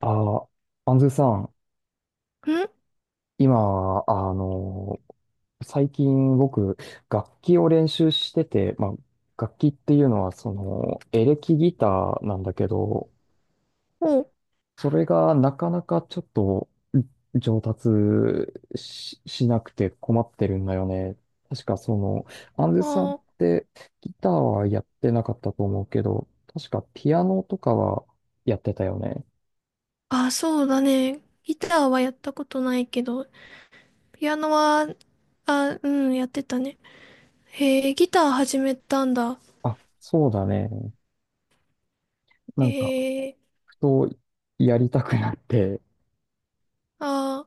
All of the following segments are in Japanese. あ、アンズさん、ん今、最近僕、楽器を練習してて、まあ、楽器っていうのは、エレキギターなんだけど、お、それがなかなかちょっと上達しなくて困ってるんだよね。確かアンズさんっあてギターはやってなかったと思うけど、確かピアノとかはやってたよね。あそうだね。ギターはやったことないけど、ピアノは、うん、やってたね。へえ、ギター始めたんだ。あ、そうだね。なへんか、え、とやりたくなって、あ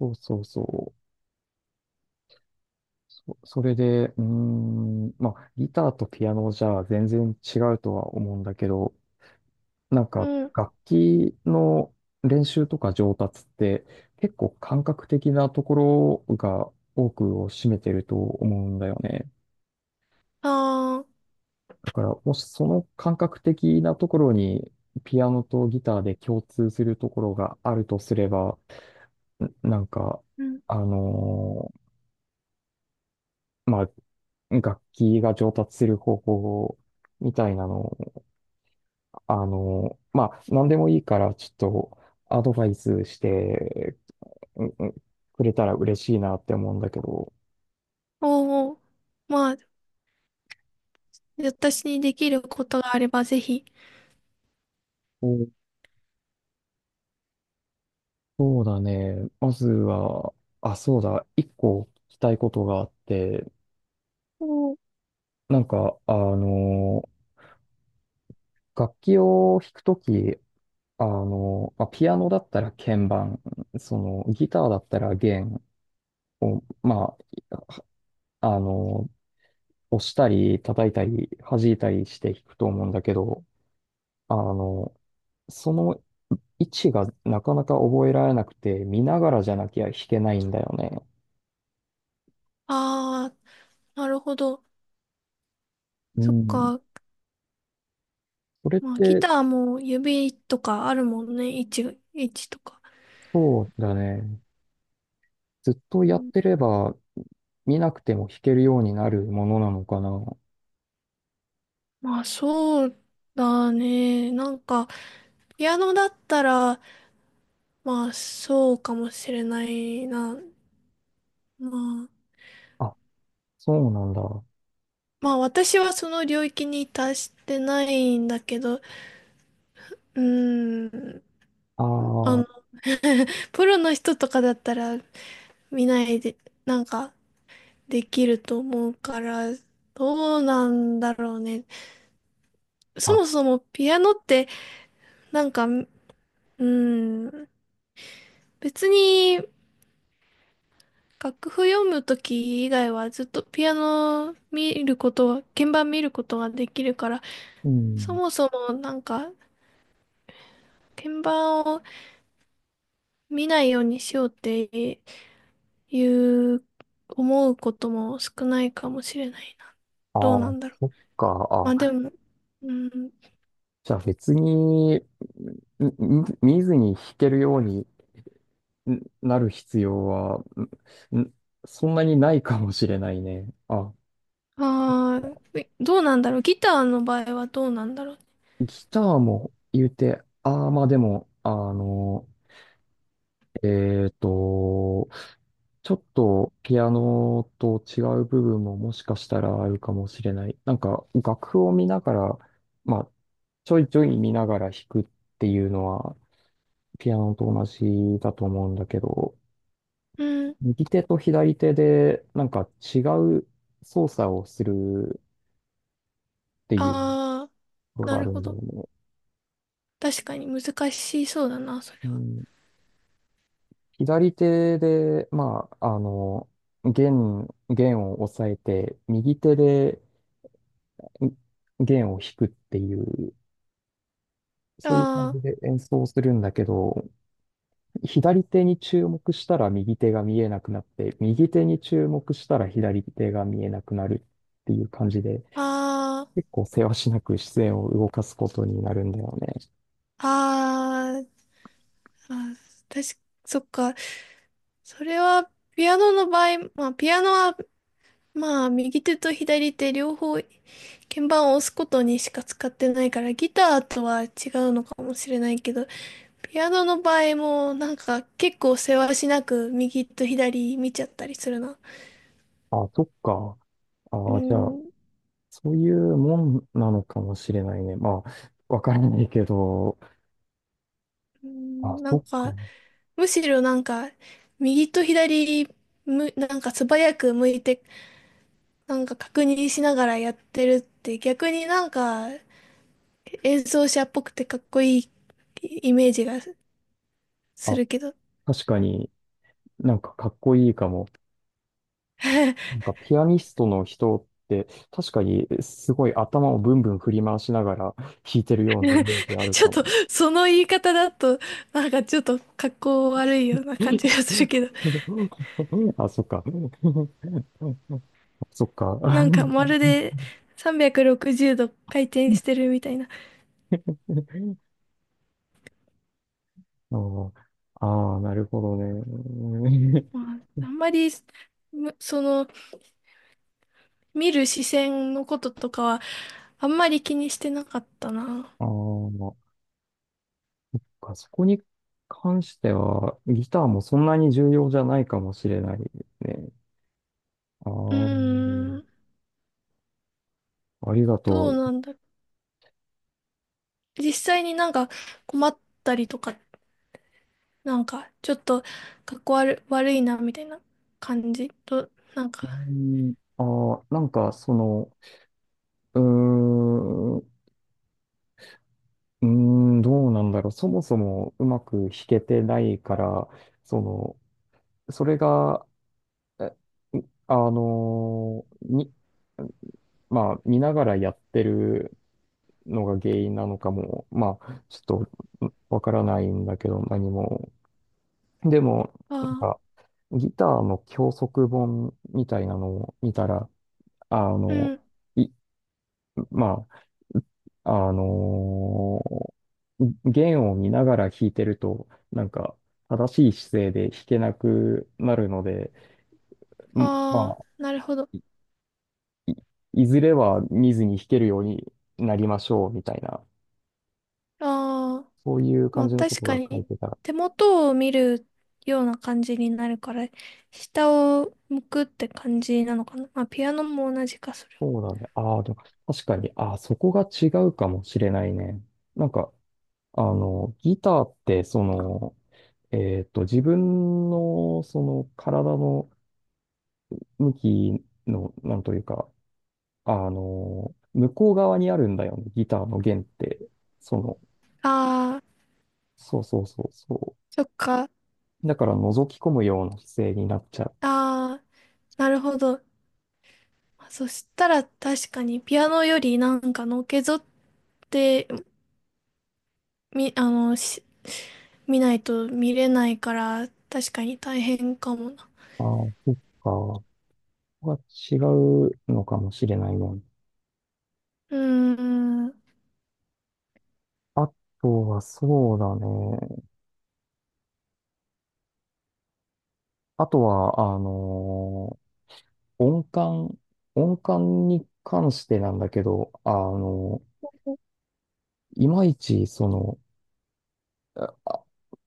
そうそうそう。それで、まあ、ギターとピアノじゃ全然違うとは思うんだけど、なんかうん、楽器の練習とか上達って結構感覚的なところが多くを占めてると思うんだよね。あだから、もしその感覚的なところにピアノとギターで共通するところがあるとすれば、なんか、うん、あのまあ、楽器が上達する方法みたいなのを、まあ、何でもいいから、ちょっとアドバイスして、うんうん、くれたら嬉しいなって思うんだけど。おおまあ、私にできることがあればぜひ。お、そうだね。まずは、あ、そうだ、一個聞きたいことがあって、おなんか、楽器を弾くとき、まあ、ピアノだったら鍵盤、ギターだったら弦を、まあ、あの、押したり、叩いたり、弾いたりして弾くと思うんだけど、あの、その位置がなかなか覚えられなくて、見ながらじゃなきゃ弾けないんだよね。あー、なるほど。うそっん。か。それっまあ、ギて、ターも指とかあるもんね。位置とか。そうだね。ずっとうやっん、てれば、見なくても弾けるようになるものなのかな。まあ、そうだね。なんか、ピアノだったら、まあ、そうかもしれないな。まあ、あ、そうなんだ。あまあ、私はその領域に達してないんだけど、ーん、あの、プロの人とかだったら見ないで、なんか、できると思うから、どうなんだろうね。あ、そあもそもピアノって、なんか、うーん、別に、楽譜読むとき以外はずっとピアノ見ることは、鍵盤見ることができるから、うそん。もそもなんか鍵盤を見ないようにしようっていう思うことも少ないかもしれないな。あどうなあ、んだろう。そっか。まあであ、も、うん、じゃあ別に、見ずに弾けるようになる必要は、んんそんなにないかもしれないね。あ、どうなんだろう。ギターの場合はどうなんだろう。ギターも言うて、ああ、まあでも、えっと、ちょっとピアノと違う部分ももしかしたらあるかもしれない。なんか楽譜を見ながら、まあ、ちょいちょい見ながら弾くっていうのは、ピアノと同じだと思うんだけど、うん、右手と左手でなんか違う操作をするっていうああ、ことながあるるほんだよど。ね。確かに難しそうだな、それうは。ん、左手で、まあ、弦を押さえて、右手で弦を弾くっていう、そういう感あじで演奏するんだけど、左手に注目したら右手が見えなくなって、右手に注目したら左手が見えなくなるっていう感じで、あ、結あ構せわしなく視線を動かすことになるんだよね。あ、ああ、あ、確か、そっか。それは、ピアノの場合、まあ、ピアノは、まあ、右手と左手両方、鍵盤を押すことにしか使ってないから、ギターとは違うのかもしれないけど、ピアノの場合も、なんか、結構せわしなく、右と左見ちゃったりするな。あ、そっか。うーあ、じゃん、あ、うそういうもんなのかもしれないね。まあ、わからないけど、ーあ、んなそんっか。か、むしろなんか、右と左、なんか素早く向いて、なんか確認しながらやってるって逆になんか演奏者っぽくてかっこいいイメージがすあ、るけど、確かになんかかっこいいかも。なんかピアニストの人って確かにすごい頭をブンブン振り回しながら弾いてるようなイメージあ るちょかっとも。その言い方だと、なんかちょっと格好悪いような感じがするけど、あ、そっか。そっか。なあんかまるで360度回転してるみたいな。ーあー、なるほどね。まあ、あんまり、その、見る視線のこととかは、あんまり気にしてなかったな。ああ、そこに関しては、ギターもそんなに重要じゃないかもしれないですね。あうーあ、ん、ありがとどうう。なんだろう。実際になんか困ったりとかっなんか、ちょっと、かっこ悪、悪いな、みたいな感じと、なんか、うん、なんか、うーん、うどうなんだろう。そもそもうまく弾けてないから、その、それが、えあのーに、まあ、見ながらやってるのが原因なのかも、まあ、ちょっとわからないんだけど、何も。でも、なんあか、あ、ギターの教則本みたいなのを見たら、あうの、ん、い、まあ、弦を見ながら弾いてると、なんか、正しい姿勢で弾けなくなるので、まああ、あ、なるほど。いいずれは見ずに弾けるようになりましょう、みたいな、ああ、そういうま感あじのこ確とかが書いに、てたら、手元を見るような感じになるから、下を向くって感じなのかな。まあピアノも同じか、それは。そうだね。ああ、でも確かに、ああ、そこが違うかもしれないね。なんか、ギターって、自分の、体の向きの、なんというか、向こう側にあるんだよね、ギターの弦って。その、ああ、そうそうそうそそっか。う。だから、覗き込むような姿勢になっちゃう。ああ、なるほど。そしたら確かにピアノよりなんかのけぞってみ、あの、し見ないと見れないから、確かに大変かもな。ああ、そっか。ここが違うのかもしれないね。うーん。あとは、そうだね。あとは、音感、音感に関してなんだけど、いまいち、あ、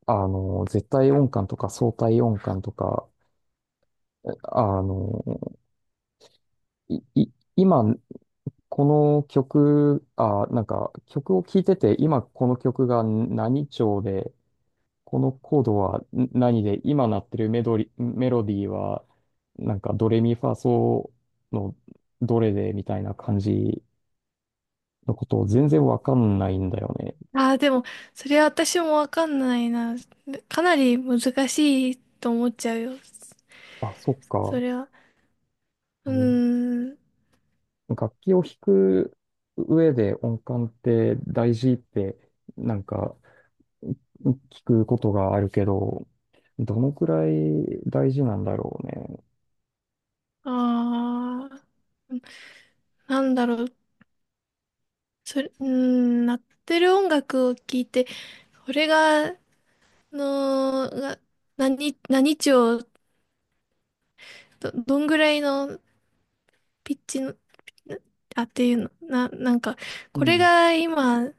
絶対音感とか相対音感とか、あの、今、この曲、なんか、曲を聴いてて、今この曲が何調で、このコードは何で、今鳴ってるメドリ、メロディーは、なんか、ドレミファソのどれで、みたいな感じのことを全然わかんないんだよね。ああ、でも、それは私もわかんないな。かなり難しいと思っちゃうよ。あ、そっそか。れは。ううん、ーん。楽器を弾く上で音感って大事ってなんか聞くことがあるけど、どのくらい大事なんだろうね。ああ。なんだろう。それ、うーん、鳴ってる音楽を聞いて、これが、の、が、何、何調、どんぐらいのピッチの、あ、っていうの、な、なんか、うこれん。が今、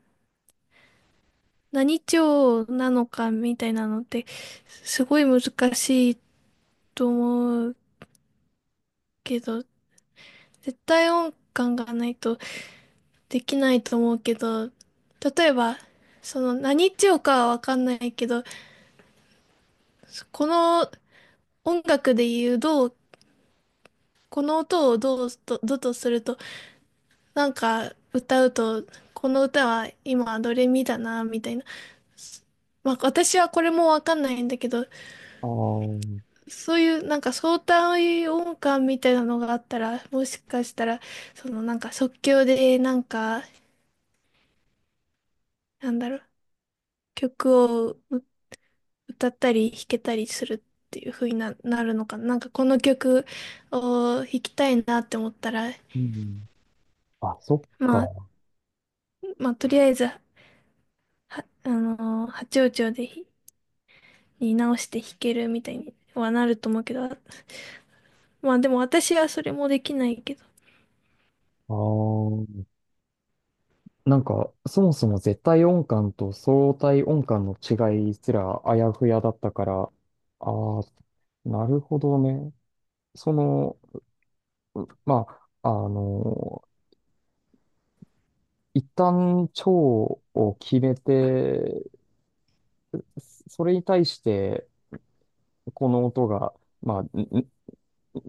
何調なのかみたいなのってすごい難しいと思うけど、絶対音感がないとできないと思うけど、例えば、その何調かはわかんないけど、この音楽で言うどう、この音をどとすると、なんか歌うと、この歌は今ドレミだな、みたいな。まあ私はこれもわかんないんだけど、ああ、そういうなんか相対音感みたいなのがあったら、もしかしたら、そのなんか即興でなんか、なんだろう、曲をう歌ったり弾けたりするっていう風になるのかな。なんかこの曲を弾きたいなって思ったら、うん。あ、そっまあ、か。まあとりあえず、あのー八王朝で直して弾けるみたいにはなると思うけど、まあでも私はそれもできないけど、ああ、なんかそもそも絶対音感と相対音感の違いすらあやふやだったから、ああ、なるほどね。その、まあ、一旦腸を決めて、それに対して、この音が、まあ、ん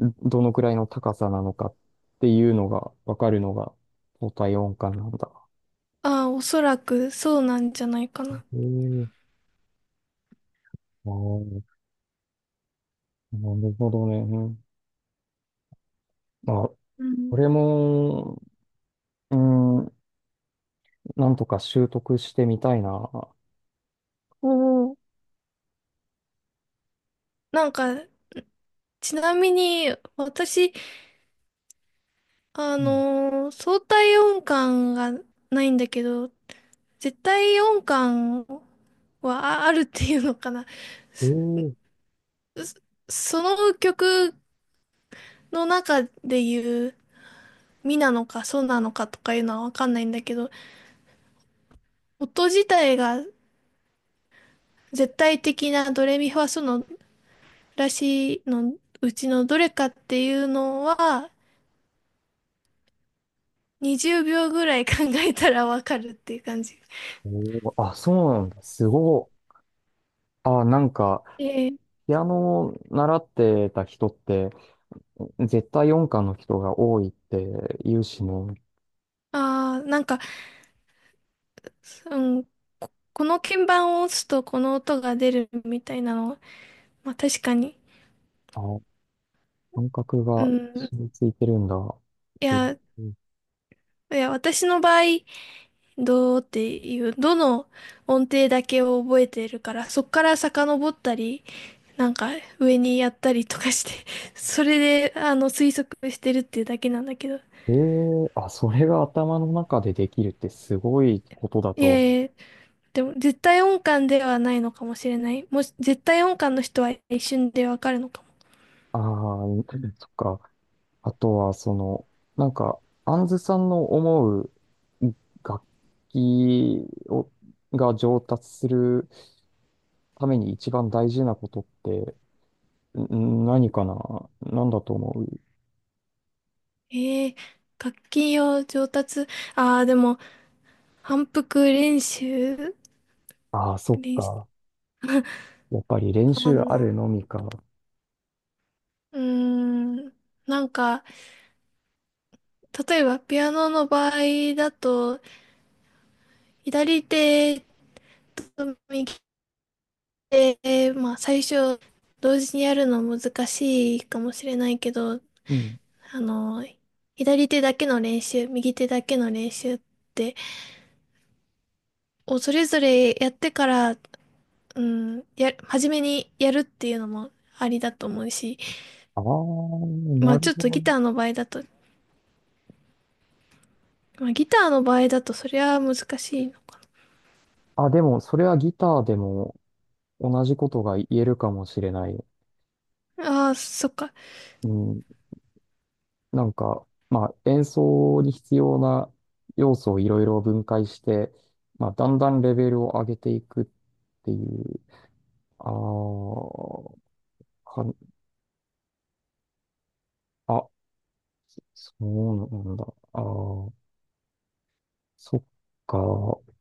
んどのくらいの高さなのかっていうのがわかるのが、相対音感なんだ。ああ、おそらくそうなんじゃないかな。ええ、ああ、なるほどね。うん、まあ、うこん。れも、うん、なんとか習得してみたいな。おお。なんか、ちなみに、私、うん、相対音感がないんだけど、絶対音感はあるっていうのかな。えそえ、の曲の中で言う、ミなのかソなのかとかいうのはわかんないんだけど、音自体が絶対的なドレミファソのらしいのうちのどれかっていうのは、20秒ぐらい考えたらわかるっていう感じ。おー、あ、そうなんだ。すごい。あ、なんか、えピアノを習ってた人って、絶対音感の人が多いって言うしね。あなんか、うん、この鍵盤を押すとこの音が出るみたいなのは、まあ確かに。あ、感覚うがん。染みついてるんだ。いへえ、や、いや、私の場合、どうっていう、どの音程だけを覚えてるから、そっから遡ったり、なんか上にやったりとかして、それで、あの、推測してるっていうだけなんだけど。へえ、あ、それが頭の中でできるってすごいことだいやと。いや、でも絶対音感ではないのかもしれない。もし、絶対音感の人は一瞬でわかるのかも。ああ、そっか。あとは、なんか、アンズさんの思う楽器を、が上達するために一番大事なことって、何かな、何だと思う？えー、楽器を上達、ああ、でも、反復練習、ああ、そっ練習か。やっぱり練か習あな。るのみか。うーん、なんか、例えば、ピアノの場合だと、左手と右手、まあ、最初、同時にやるの難しいかもしれないけど、うん。あの、左手だけの練習、右手だけの練習って、をそれぞれやってから、う初めにやるっていうのもありだと思うし、ああ、なまあるちょっほとどギね。ターの場合だと、まあギターの場合だとそりゃ難しいのあ、でも、それはギターでも同じことが言えるかもしれない。ああ、そっか。うん。なんか、まあ、演奏に必要な要素をいろいろ分解して、まあ、だんだんレベルを上げていくっていう、ああ、かん、あ、そうなんだ。ああ、そっか。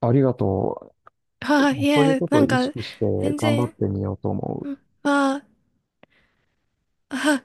ありがとう。ああ、いそういうや、ことなをん意か、識して全頑張っ然、てみようと思うん、う。ああ、ああ